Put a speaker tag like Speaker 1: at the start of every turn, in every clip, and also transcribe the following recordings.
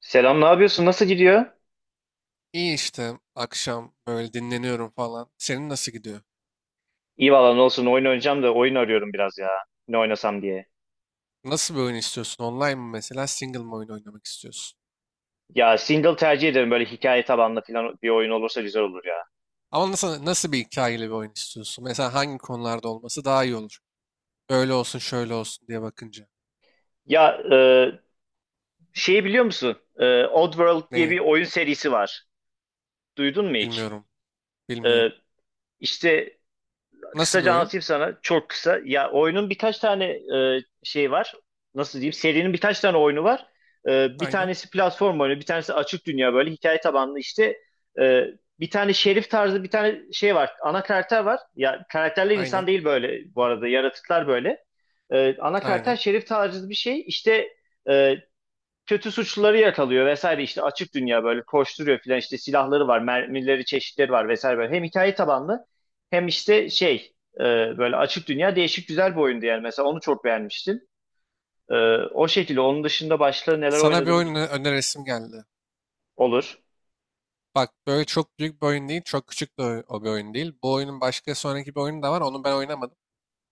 Speaker 1: Selam, ne yapıyorsun? Nasıl gidiyor?
Speaker 2: İyi işte akşam böyle dinleniyorum falan. Senin nasıl gidiyor?
Speaker 1: İyi valla ne olsun oyun oynayacağım da oyun arıyorum biraz ya. Ne oynasam diye.
Speaker 2: Nasıl bir oyun istiyorsun? Online mı mesela, single mı oyun oynamak istiyorsun?
Speaker 1: Ya single tercih ederim böyle hikaye tabanlı falan bir oyun olursa güzel olur ya.
Speaker 2: Ama nasıl bir hikayeli bir oyun istiyorsun? Mesela hangi konularda olması daha iyi olur? Böyle olsun şöyle olsun diye bakınca.
Speaker 1: Ya şeyi biliyor musun? Oddworld diye
Speaker 2: Neyi?
Speaker 1: bir oyun serisi var. Duydun mu hiç?
Speaker 2: Bilmiyorum.
Speaker 1: E,
Speaker 2: Bilmiyorum.
Speaker 1: işte
Speaker 2: Nasıl bir
Speaker 1: kısaca
Speaker 2: oyun?
Speaker 1: anlatayım sana çok kısa. Ya oyunun birkaç tane şey var. Nasıl diyeyim? Serinin birkaç tane oyunu var. Bir
Speaker 2: Aynen.
Speaker 1: tanesi platform oyunu, bir tanesi açık dünya böyle hikaye tabanlı işte. E, bir tane şerif tarzı bir tane şey var. Ana karakter var. Ya karakterler
Speaker 2: Aynen.
Speaker 1: insan değil böyle bu arada. Yaratıklar böyle. Ana karakter
Speaker 2: Aynen.
Speaker 1: şerif tarzı bir şey. İşte e, kötü suçluları yakalıyor vesaire işte açık dünya böyle koşturuyor filan işte silahları var mermileri çeşitleri var vesaire böyle hem hikaye tabanlı hem işte şey böyle açık dünya değişik güzel bir oyundu yani mesela onu çok beğenmiştim. E, o şekilde onun dışında başka neler
Speaker 2: Sana bir
Speaker 1: oynadım
Speaker 2: oyun önerisim geldi.
Speaker 1: olur.
Speaker 2: Bak, böyle çok büyük bir oyun değil. Çok küçük de o bir oyun değil. Bu oyunun başka sonraki bir oyunu da var. Onu ben oynamadım.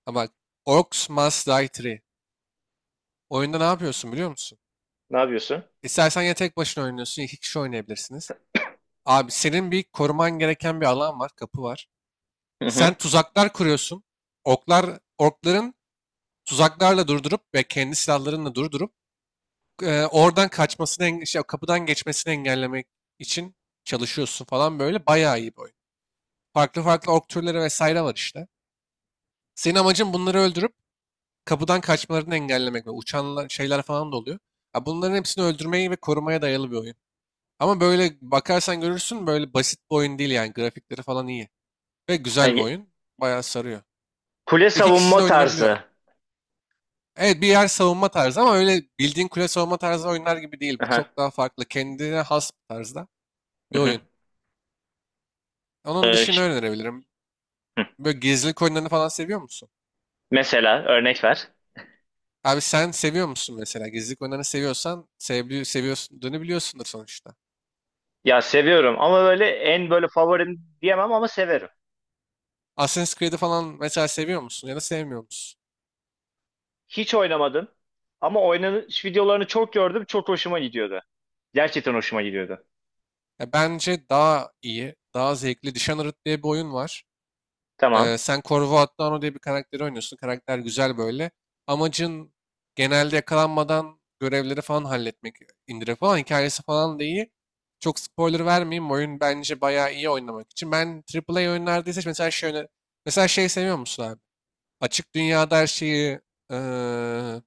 Speaker 2: Ama bak, Orcs Must Die 3. Oyunda ne yapıyorsun, biliyor musun?
Speaker 1: Ne yapıyorsun?
Speaker 2: İstersen ya tek başına oynuyorsun, iki kişi oynayabilirsiniz. Abi, senin bir koruman gereken bir alan var, kapı var.
Speaker 1: Hı
Speaker 2: Sen
Speaker 1: hı.
Speaker 2: tuzaklar kuruyorsun. Oklar, orkların tuzaklarla durdurup ve kendi silahlarınla durdurup oradan kaçmasını, kapıdan geçmesini engellemek için çalışıyorsun falan böyle. Bayağı iyi bir oyun. Farklı farklı ork türleri vesaire var işte. Senin amacın bunları öldürüp kapıdan kaçmalarını engellemek ve uçan şeyler falan da oluyor. Ya bunların hepsini öldürmeyi ve korumaya dayalı bir oyun. Ama böyle bakarsan görürsün, böyle basit bir oyun değil yani, grafikleri falan iyi. Ve güzel bir
Speaker 1: Yani
Speaker 2: oyun. Bayağı sarıyor.
Speaker 1: kule
Speaker 2: İki kişi de
Speaker 1: savunma
Speaker 2: oynanabiliyor.
Speaker 1: tarzı.
Speaker 2: Evet, bir yer savunma tarzı ama öyle bildiğin kule savunma tarzı oyunlar gibi değil. Bu
Speaker 1: Aha,
Speaker 2: çok daha farklı. Kendine has bir tarzda
Speaker 1: hı
Speaker 2: bir
Speaker 1: hı.
Speaker 2: oyun. Onun
Speaker 1: E,
Speaker 2: dışında
Speaker 1: ş-
Speaker 2: önerebilirim.
Speaker 1: hı.
Speaker 2: Böyle gizlilik oyunlarını falan seviyor musun?
Speaker 1: Mesela örnek ver.
Speaker 2: Abi sen seviyor musun mesela? Gizlilik oyunlarını seviyorsan sevdi, seviyorsun, biliyorsundur sonuçta.
Speaker 1: Ya seviyorum ama böyle en böyle favorim diyemem ama severim.
Speaker 2: Assassin's Creed'i falan mesela seviyor musun ya da sevmiyor musun?
Speaker 1: Hiç oynamadım. Ama oynanış videolarını çok gördüm. Çok hoşuma gidiyordu. Gerçekten hoşuma gidiyordu.
Speaker 2: Ya bence daha iyi, daha zevkli. Dishonored diye bir oyun var.
Speaker 1: Tamam.
Speaker 2: Sen Corvo Atano diye bir karakteri oynuyorsun. Karakter güzel böyle. Amacın genelde yakalanmadan görevleri falan halletmek, indirip falan. Hikayesi falan da iyi. Çok spoiler vermeyeyim. Oyun bence bayağı iyi oynamak için. Ben AAA oyunlarda ise mesela şey, mesela şey seviyor musun abi? Açık dünyada her şeyi eee,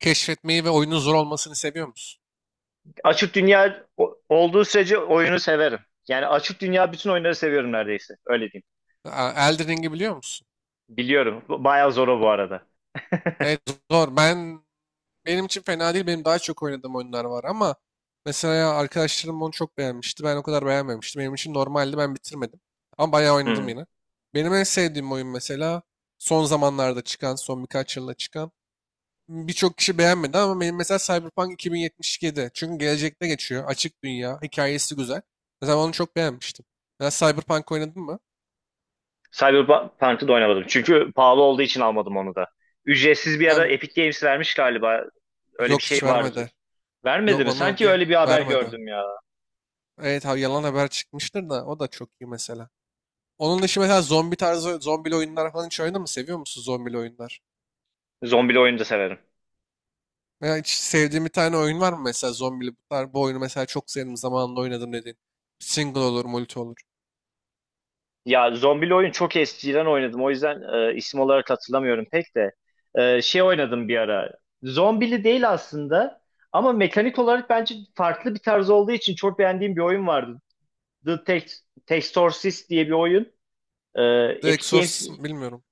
Speaker 2: keşfetmeyi ve oyunun zor olmasını seviyor musun?
Speaker 1: Açık dünya olduğu sürece oyunu severim. Yani açık dünya bütün oyunları seviyorum neredeyse. Öyle diyeyim.
Speaker 2: Elden Ring'i biliyor musun?
Speaker 1: Biliyorum. Bayağı zor o bu arada.
Speaker 2: Evet, zor. Benim için fena değil. Benim daha çok oynadığım oyunlar var ama mesela arkadaşlarım onu çok beğenmişti. Ben o kadar beğenmemiştim. Benim için normaldi. Ben bitirmedim. Ama bayağı oynadım
Speaker 1: Hmm.
Speaker 2: yine. Benim en sevdiğim oyun mesela son zamanlarda çıkan, son birkaç yılda çıkan. Birçok kişi beğenmedi ama benim mesela Cyberpunk 2077. Çünkü gelecekte geçiyor. Açık dünya. Hikayesi güzel. Mesela onu çok beğenmiştim. Ya Cyberpunk oynadın mı?
Speaker 1: Cyberpunk'ı da oynamadım. Çünkü pahalı olduğu için almadım onu da. Ücretsiz bir
Speaker 2: Ha,
Speaker 1: ara Epic Games vermiş galiba. Öyle bir
Speaker 2: yok
Speaker 1: şey
Speaker 2: hiç
Speaker 1: vardı.
Speaker 2: vermedi.
Speaker 1: Vermedi
Speaker 2: Yok,
Speaker 1: mi? Sanki öyle bir haber
Speaker 2: vermedi.
Speaker 1: gördüm ya.
Speaker 2: Evet ha, yalan haber çıkmıştır da o da çok iyi mesela. Onun dışı mesela zombi tarzı zombili oyunlar falan hiç oynadın mı? Seviyor musun zombili oyunlar?
Speaker 1: Zombili oyunu da severim.
Speaker 2: Veya hiç sevdiğin bir tane oyun var mı mesela zombili? Bunlar, bu oyunu mesela çok sevdim, zamanında oynadım dediğin. Single olur, multi olur.
Speaker 1: Ya zombili oyun çok eskiden oynadım. O yüzden isim olarak hatırlamıyorum pek de. Şey oynadım bir ara. Zombili değil aslında. Ama mekanik olarak bence farklı bir tarz olduğu için çok beğendiğim bir oyun vardı. The Tex Textorcist diye bir oyun. E,
Speaker 2: The
Speaker 1: Epic Games
Speaker 2: Exorcist mi? Bilmiyorum.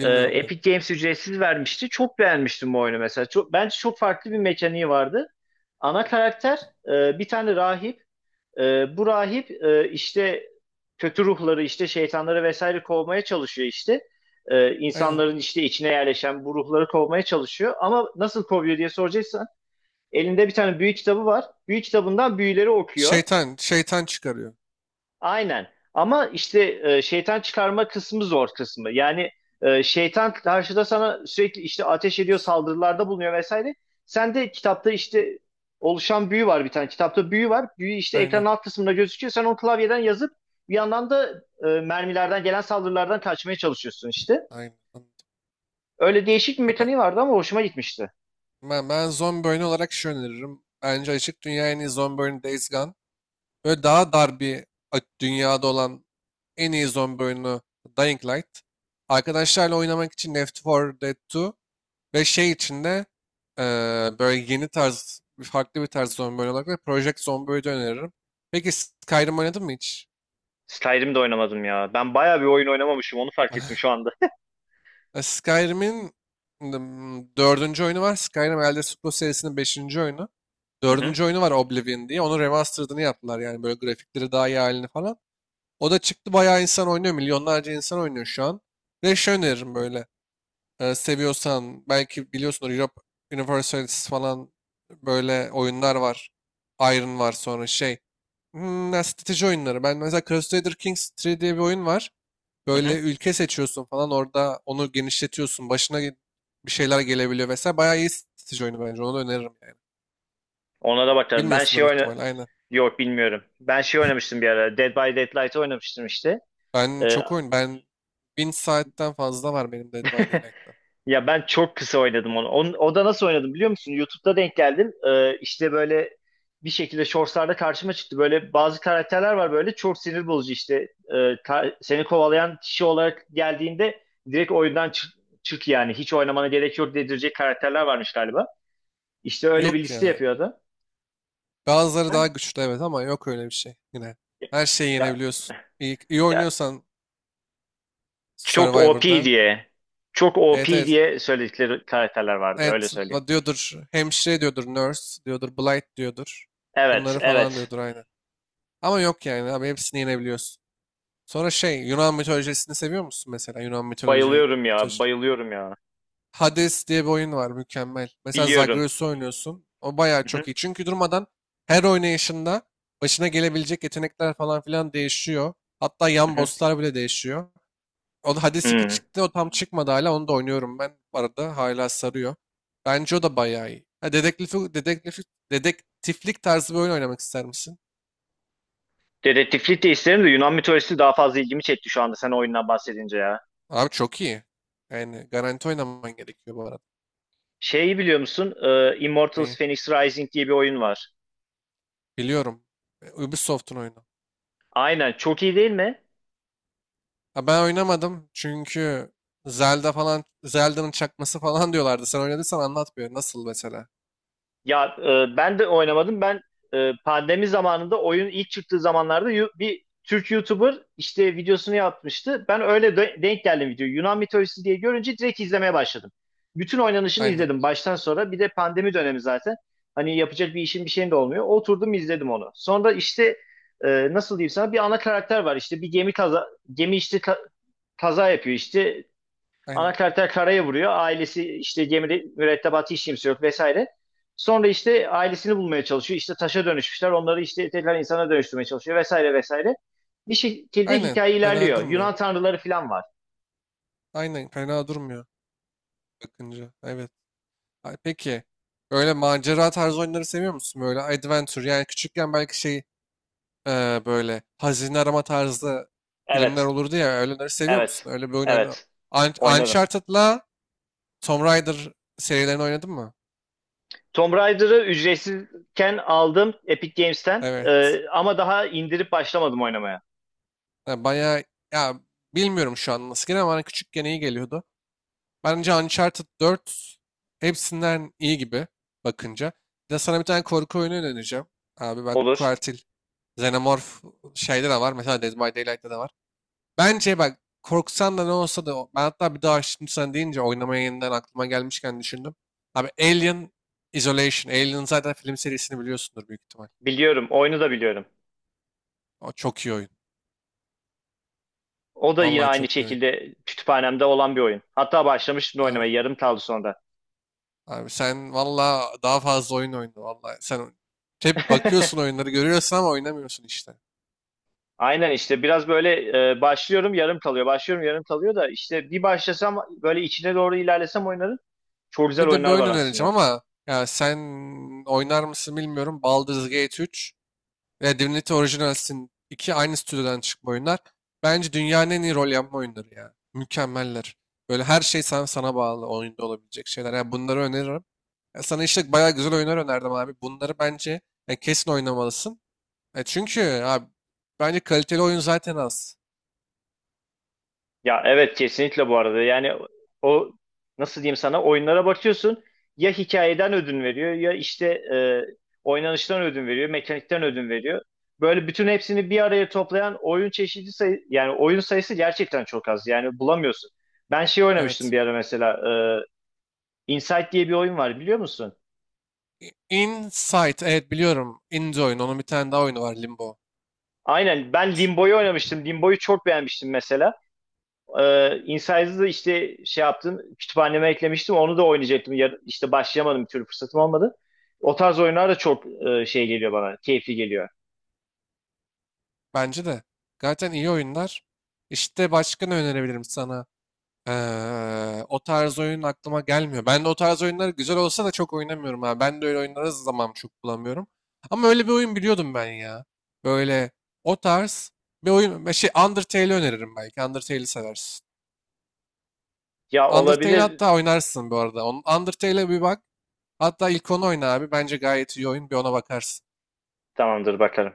Speaker 2: ben.
Speaker 1: Epic Games ücretsiz vermişti. Çok beğenmiştim bu oyunu mesela. Çok, bence çok farklı bir mekaniği vardı. Ana karakter bir tane rahip. Bu rahip işte kötü ruhları işte şeytanları vesaire kovmaya çalışıyor işte.
Speaker 2: Aynen.
Speaker 1: İnsanların işte içine yerleşen bu ruhları kovmaya çalışıyor. Ama nasıl kovuyor diye soracaksan elinde bir tane büyü kitabı var. Büyü kitabından büyüleri okuyor.
Speaker 2: Şeytan çıkarıyor.
Speaker 1: Aynen. Ama işte şeytan çıkarma kısmı zor kısmı. Yani şeytan karşıda sana sürekli işte ateş ediyor, saldırılarda bulunuyor vesaire. Sen de kitapta işte oluşan büyü var bir tane. Kitapta büyü var. Büyü işte
Speaker 2: Aynen.
Speaker 1: ekranın alt kısmında gözüküyor. Sen onu klavyeden yazıp bir yandan da mermilerden gelen saldırılardan kaçmaya çalışıyorsun işte.
Speaker 2: Aynen. Anladım.
Speaker 1: Öyle değişik bir
Speaker 2: Ya ben,
Speaker 1: mekaniği vardı ama hoşuma gitmişti.
Speaker 2: ben, ben zombi oyunu olarak şu öneririm. Bence açık dünya en iyi zombi oyunu Days Gone. Böyle daha dar bir dünyada olan en iyi zombi oyunu Dying Light. Arkadaşlarla oynamak için Left 4 Dead 2 ve şey içinde böyle yeni tarz, farklı bir tarz zombi oyunu olarak da Project Zomboid'i öneririm. Peki, Skyrim oynadın mı hiç?
Speaker 1: Skyrim'de oynamadım ya. Ben bayağı bir oyun oynamamışım onu fark ettim şu anda.
Speaker 2: Skyrim'in dördüncü oyunu var. Skyrim Elder Scrolls serisinin beşinci oyunu.
Speaker 1: Hı hı,
Speaker 2: Dördüncü oyunu var, Oblivion diye. Onun remastered'ını yaptılar. Yani böyle grafikleri daha iyi halini falan. O da çıktı, bayağı insan oynuyor. Milyonlarca insan oynuyor şu an. Ve şey öneririm böyle. Seviyorsan belki biliyorsunuz, Europe Universalis falan böyle oyunlar var. Iron var, sonra şey. Hmm, ya strateji oyunları. Ben mesela Crusader Kings 3 diye bir oyun var.
Speaker 1: hı
Speaker 2: Böyle
Speaker 1: hı.
Speaker 2: ülke seçiyorsun falan, orada onu genişletiyorsun. Bir şeyler gelebiliyor vesaire. Bayağı iyi strateji oyunu bence. Onu da öneririm yani.
Speaker 1: Ona da bakarım. Ben
Speaker 2: Bilmiyorsundur
Speaker 1: şey
Speaker 2: büyük
Speaker 1: oyna...
Speaker 2: ihtimalle, aynen.
Speaker 1: Yok bilmiyorum. Ben şey oynamıştım bir ara. Dead by Daylight oynamıştım işte.
Speaker 2: Ben
Speaker 1: Ee,
Speaker 2: çok oyun. Ben 1000 saatten fazla var benim Dead by Daylight'ta.
Speaker 1: ya ben çok kısa oynadım onu. O da nasıl oynadım biliyor musun? YouTube'da denk geldim. İşte böyle bir şekilde shortslarda karşıma çıktı. Böyle bazı karakterler var böyle çok sinir bozucu işte. Seni kovalayan kişi olarak geldiğinde direkt oyundan çık, çık yani. Hiç oynamana gerek yok dedirecek karakterler varmış galiba. İşte öyle bir
Speaker 2: Yok
Speaker 1: liste
Speaker 2: ya.
Speaker 1: yapıyordu.
Speaker 2: Bazıları daha
Speaker 1: Ben
Speaker 2: güçlü evet ama yok öyle bir şey yine. Her şeyi
Speaker 1: ya,
Speaker 2: yenebiliyorsun. İyi, iyi
Speaker 1: ya
Speaker 2: oynuyorsan
Speaker 1: Çok OP
Speaker 2: Survivor'da.
Speaker 1: diye, çok
Speaker 2: Evet,
Speaker 1: OP
Speaker 2: evet.
Speaker 1: diye söyledikleri karakterler vardı. Öyle
Speaker 2: Evet,
Speaker 1: söyleyeyim.
Speaker 2: diyordur hemşire, diyordur nurse, diyordur blight diyordur.
Speaker 1: Evet,
Speaker 2: Bunları falan
Speaker 1: evet.
Speaker 2: diyordur aynen. Ama yok yani abi, hepsini yenebiliyorsun. Sonra şey, Yunan mitolojisini seviyor musun mesela?
Speaker 1: Bayılıyorum ya,
Speaker 2: Mitoloji-
Speaker 1: bayılıyorum ya.
Speaker 2: Hades diye bir oyun var, mükemmel. Mesela
Speaker 1: Biliyorum.
Speaker 2: Zagreus'u oynuyorsun. O bayağı
Speaker 1: Hı
Speaker 2: çok
Speaker 1: hı,
Speaker 2: iyi. Çünkü durmadan her oynayışında başına gelebilecek yetenekler falan filan değişiyor. Hatta
Speaker 1: hı
Speaker 2: yan
Speaker 1: hı.
Speaker 2: bosslar bile değişiyor. O da, Hades 2
Speaker 1: Hmm.
Speaker 2: çıktı. O tam çıkmadı hala. Onu da oynuyorum ben. Bu arada hala sarıyor. Bence o da bayağı iyi. Ha, dedektiflik tarzı bir oyun oynamak ister misin?
Speaker 1: Dedektiflik de isterim de Yunan mitolojisi daha fazla ilgimi çekti şu anda sen o oyundan bahsedince ya.
Speaker 2: Abi çok iyi. Yani garanti oynaman gerekiyor bu arada.
Speaker 1: Şeyi biliyor musun? Immortals
Speaker 2: Neyi?
Speaker 1: Fenyx Rising diye bir oyun var.
Speaker 2: Biliyorum. Ubisoft'un oyunu.
Speaker 1: Aynen, çok iyi değil mi?
Speaker 2: Ha, ben oynamadım çünkü Zelda falan, Zelda'nın çakması falan diyorlardı. Sen oynadıysan anlat bir. Nasıl mesela?
Speaker 1: Ya ben de oynamadım. Ben pandemi zamanında oyun ilk çıktığı zamanlarda bir Türk YouTuber işte videosunu yapmıştı. Ben öyle denk geldim video. Yunan mitolojisi diye görünce direkt izlemeye başladım. Bütün oynanışını
Speaker 2: Aynen.
Speaker 1: izledim baştan sonra. Bir de pandemi dönemi zaten. Hani yapacak bir işim bir şeyim de olmuyor. Oturdum izledim onu. Sonra işte e, nasıl diyeyim sana bir ana karakter var. İşte bir gemi kaza gemi işte ka- kaza yapıyor işte. Ana
Speaker 2: Aynen.
Speaker 1: karakter karaya vuruyor. Ailesi işte gemide mürettebatı hiç kimse yok vesaire. Sonra işte ailesini bulmaya çalışıyor. İşte taşa dönüşmüşler. Onları işte tekrar insana dönüştürmeye çalışıyor vesaire vesaire. Bir şekilde
Speaker 2: Aynen.
Speaker 1: hikaye
Speaker 2: Fena
Speaker 1: ilerliyor.
Speaker 2: durmuyor.
Speaker 1: Yunan tanrıları falan var.
Speaker 2: Aynen. Fena durmuyor bakınca. Evet. Ay, peki. Öyle macera tarzı oyunları seviyor musun? Böyle adventure yani, küçükken belki şey, böyle hazine arama tarzı filmler
Speaker 1: Evet.
Speaker 2: olurdu ya, öyleleri seviyor musun?
Speaker 1: Evet.
Speaker 2: Öyle bir oyun oyna.
Speaker 1: Evet. Oynarım.
Speaker 2: Uncharted'la Tomb Raider serilerini oynadın mı?
Speaker 1: Tomb Raider'ı ücretsizken aldım Epic Games'ten.
Speaker 2: Evet.
Speaker 1: Ama daha indirip başlamadım oynamaya.
Speaker 2: Ha, bayağı, ya bilmiyorum şu an nasıl geliyor ama bana küçükken iyi geliyordu. Bence Uncharted 4 hepsinden iyi gibi bakınca. Bir de sana bir tane korku oyunu önereceğim. Abi bak, bu
Speaker 1: Olur.
Speaker 2: katil Xenomorph şeyde de var. Mesela Dead by Daylight'ta da var. Bence bak, korksan da ne olsa da ben hatta bir daha şimdi sen deyince oynamaya yeniden aklıma gelmişken düşündüm. Abi Alien Isolation. Alien zaten film serisini biliyorsundur büyük ihtimal.
Speaker 1: Biliyorum. Oyunu da biliyorum.
Speaker 2: O çok iyi oyun.
Speaker 1: O da yine
Speaker 2: Vallahi
Speaker 1: aynı
Speaker 2: çok iyi oyun.
Speaker 1: şekilde kütüphanemde olan bir oyun. Hatta başlamıştım da
Speaker 2: Abi
Speaker 1: oynamaya. Yarım kaldı sonra.
Speaker 2: Abi sen valla daha fazla oyun oyna valla. Sen hep bakıyorsun, oyunları görüyorsun ama oynamıyorsun işte.
Speaker 1: Aynen işte biraz böyle başlıyorum yarım kalıyor. Başlıyorum yarım kalıyor da işte bir başlasam böyle içine doğru ilerlesem oyunların çok güzel
Speaker 2: Bir de bir
Speaker 1: oyunlar
Speaker 2: oyun
Speaker 1: var
Speaker 2: önereceğim
Speaker 1: aslında.
Speaker 2: ama ya sen oynar mısın bilmiyorum. Baldur's Gate 3 ve Divinity Original Sin 2 aynı stüdyodan çıkma oyunlar. Bence dünyanın en iyi rol yapma oyunları ya. Mükemmeller. Böyle her şey sana bağlı oyunda olabilecek şeyler. Ya bunları öneririm. Ya sana işte bayağı güzel oyunlar önerdim abi. Bunları bence ya kesin oynamalısın. E çünkü abi bence kaliteli oyun zaten az.
Speaker 1: Ya evet kesinlikle bu arada. Yani o nasıl diyeyim sana oyunlara bakıyorsun ya hikayeden ödün veriyor ya işte e, oynanıştan ödün veriyor, mekanikten ödün veriyor. Böyle bütün hepsini bir araya toplayan oyun çeşidi sayı yani oyun sayısı gerçekten çok az. Yani bulamıyorsun. Ben şey oynamıştım
Speaker 2: Evet.
Speaker 1: bir ara mesela Insight diye bir oyun var biliyor musun?
Speaker 2: Insight, evet biliyorum. Indie oyun. Onun bir tane daha oyunu var, Limbo.
Speaker 1: Aynen ben Limbo'yu oynamıştım. Limbo'yu çok beğenmiştim mesela. Inside'ı da işte şey yaptım kütüphaneme eklemiştim. Onu da oynayacaktım. Ya, işte başlayamadım bir türlü fırsatım olmadı. O tarz oyunlar da çok şey geliyor bana. Keyifli geliyor.
Speaker 2: Bence de. Zaten iyi oyunlar. İşte başka ne önerebilirim sana? O tarz oyun aklıma gelmiyor. Ben de o tarz oyunlar güzel olsa da çok oynamıyorum ha. Ben de öyle oyunlara zaman çok bulamıyorum. Ama öyle bir oyun biliyordum ben ya. Böyle o tarz bir oyun. Şey, Undertale'i öneririm belki. Undertale'i seversin.
Speaker 1: Ya
Speaker 2: Undertale
Speaker 1: olabilir.
Speaker 2: hatta oynarsın bu arada. Undertale'e bir bak. Hatta ilk onu oyna abi. Bence gayet iyi oyun. Bir ona bakarsın.
Speaker 1: Tamamdır bakalım.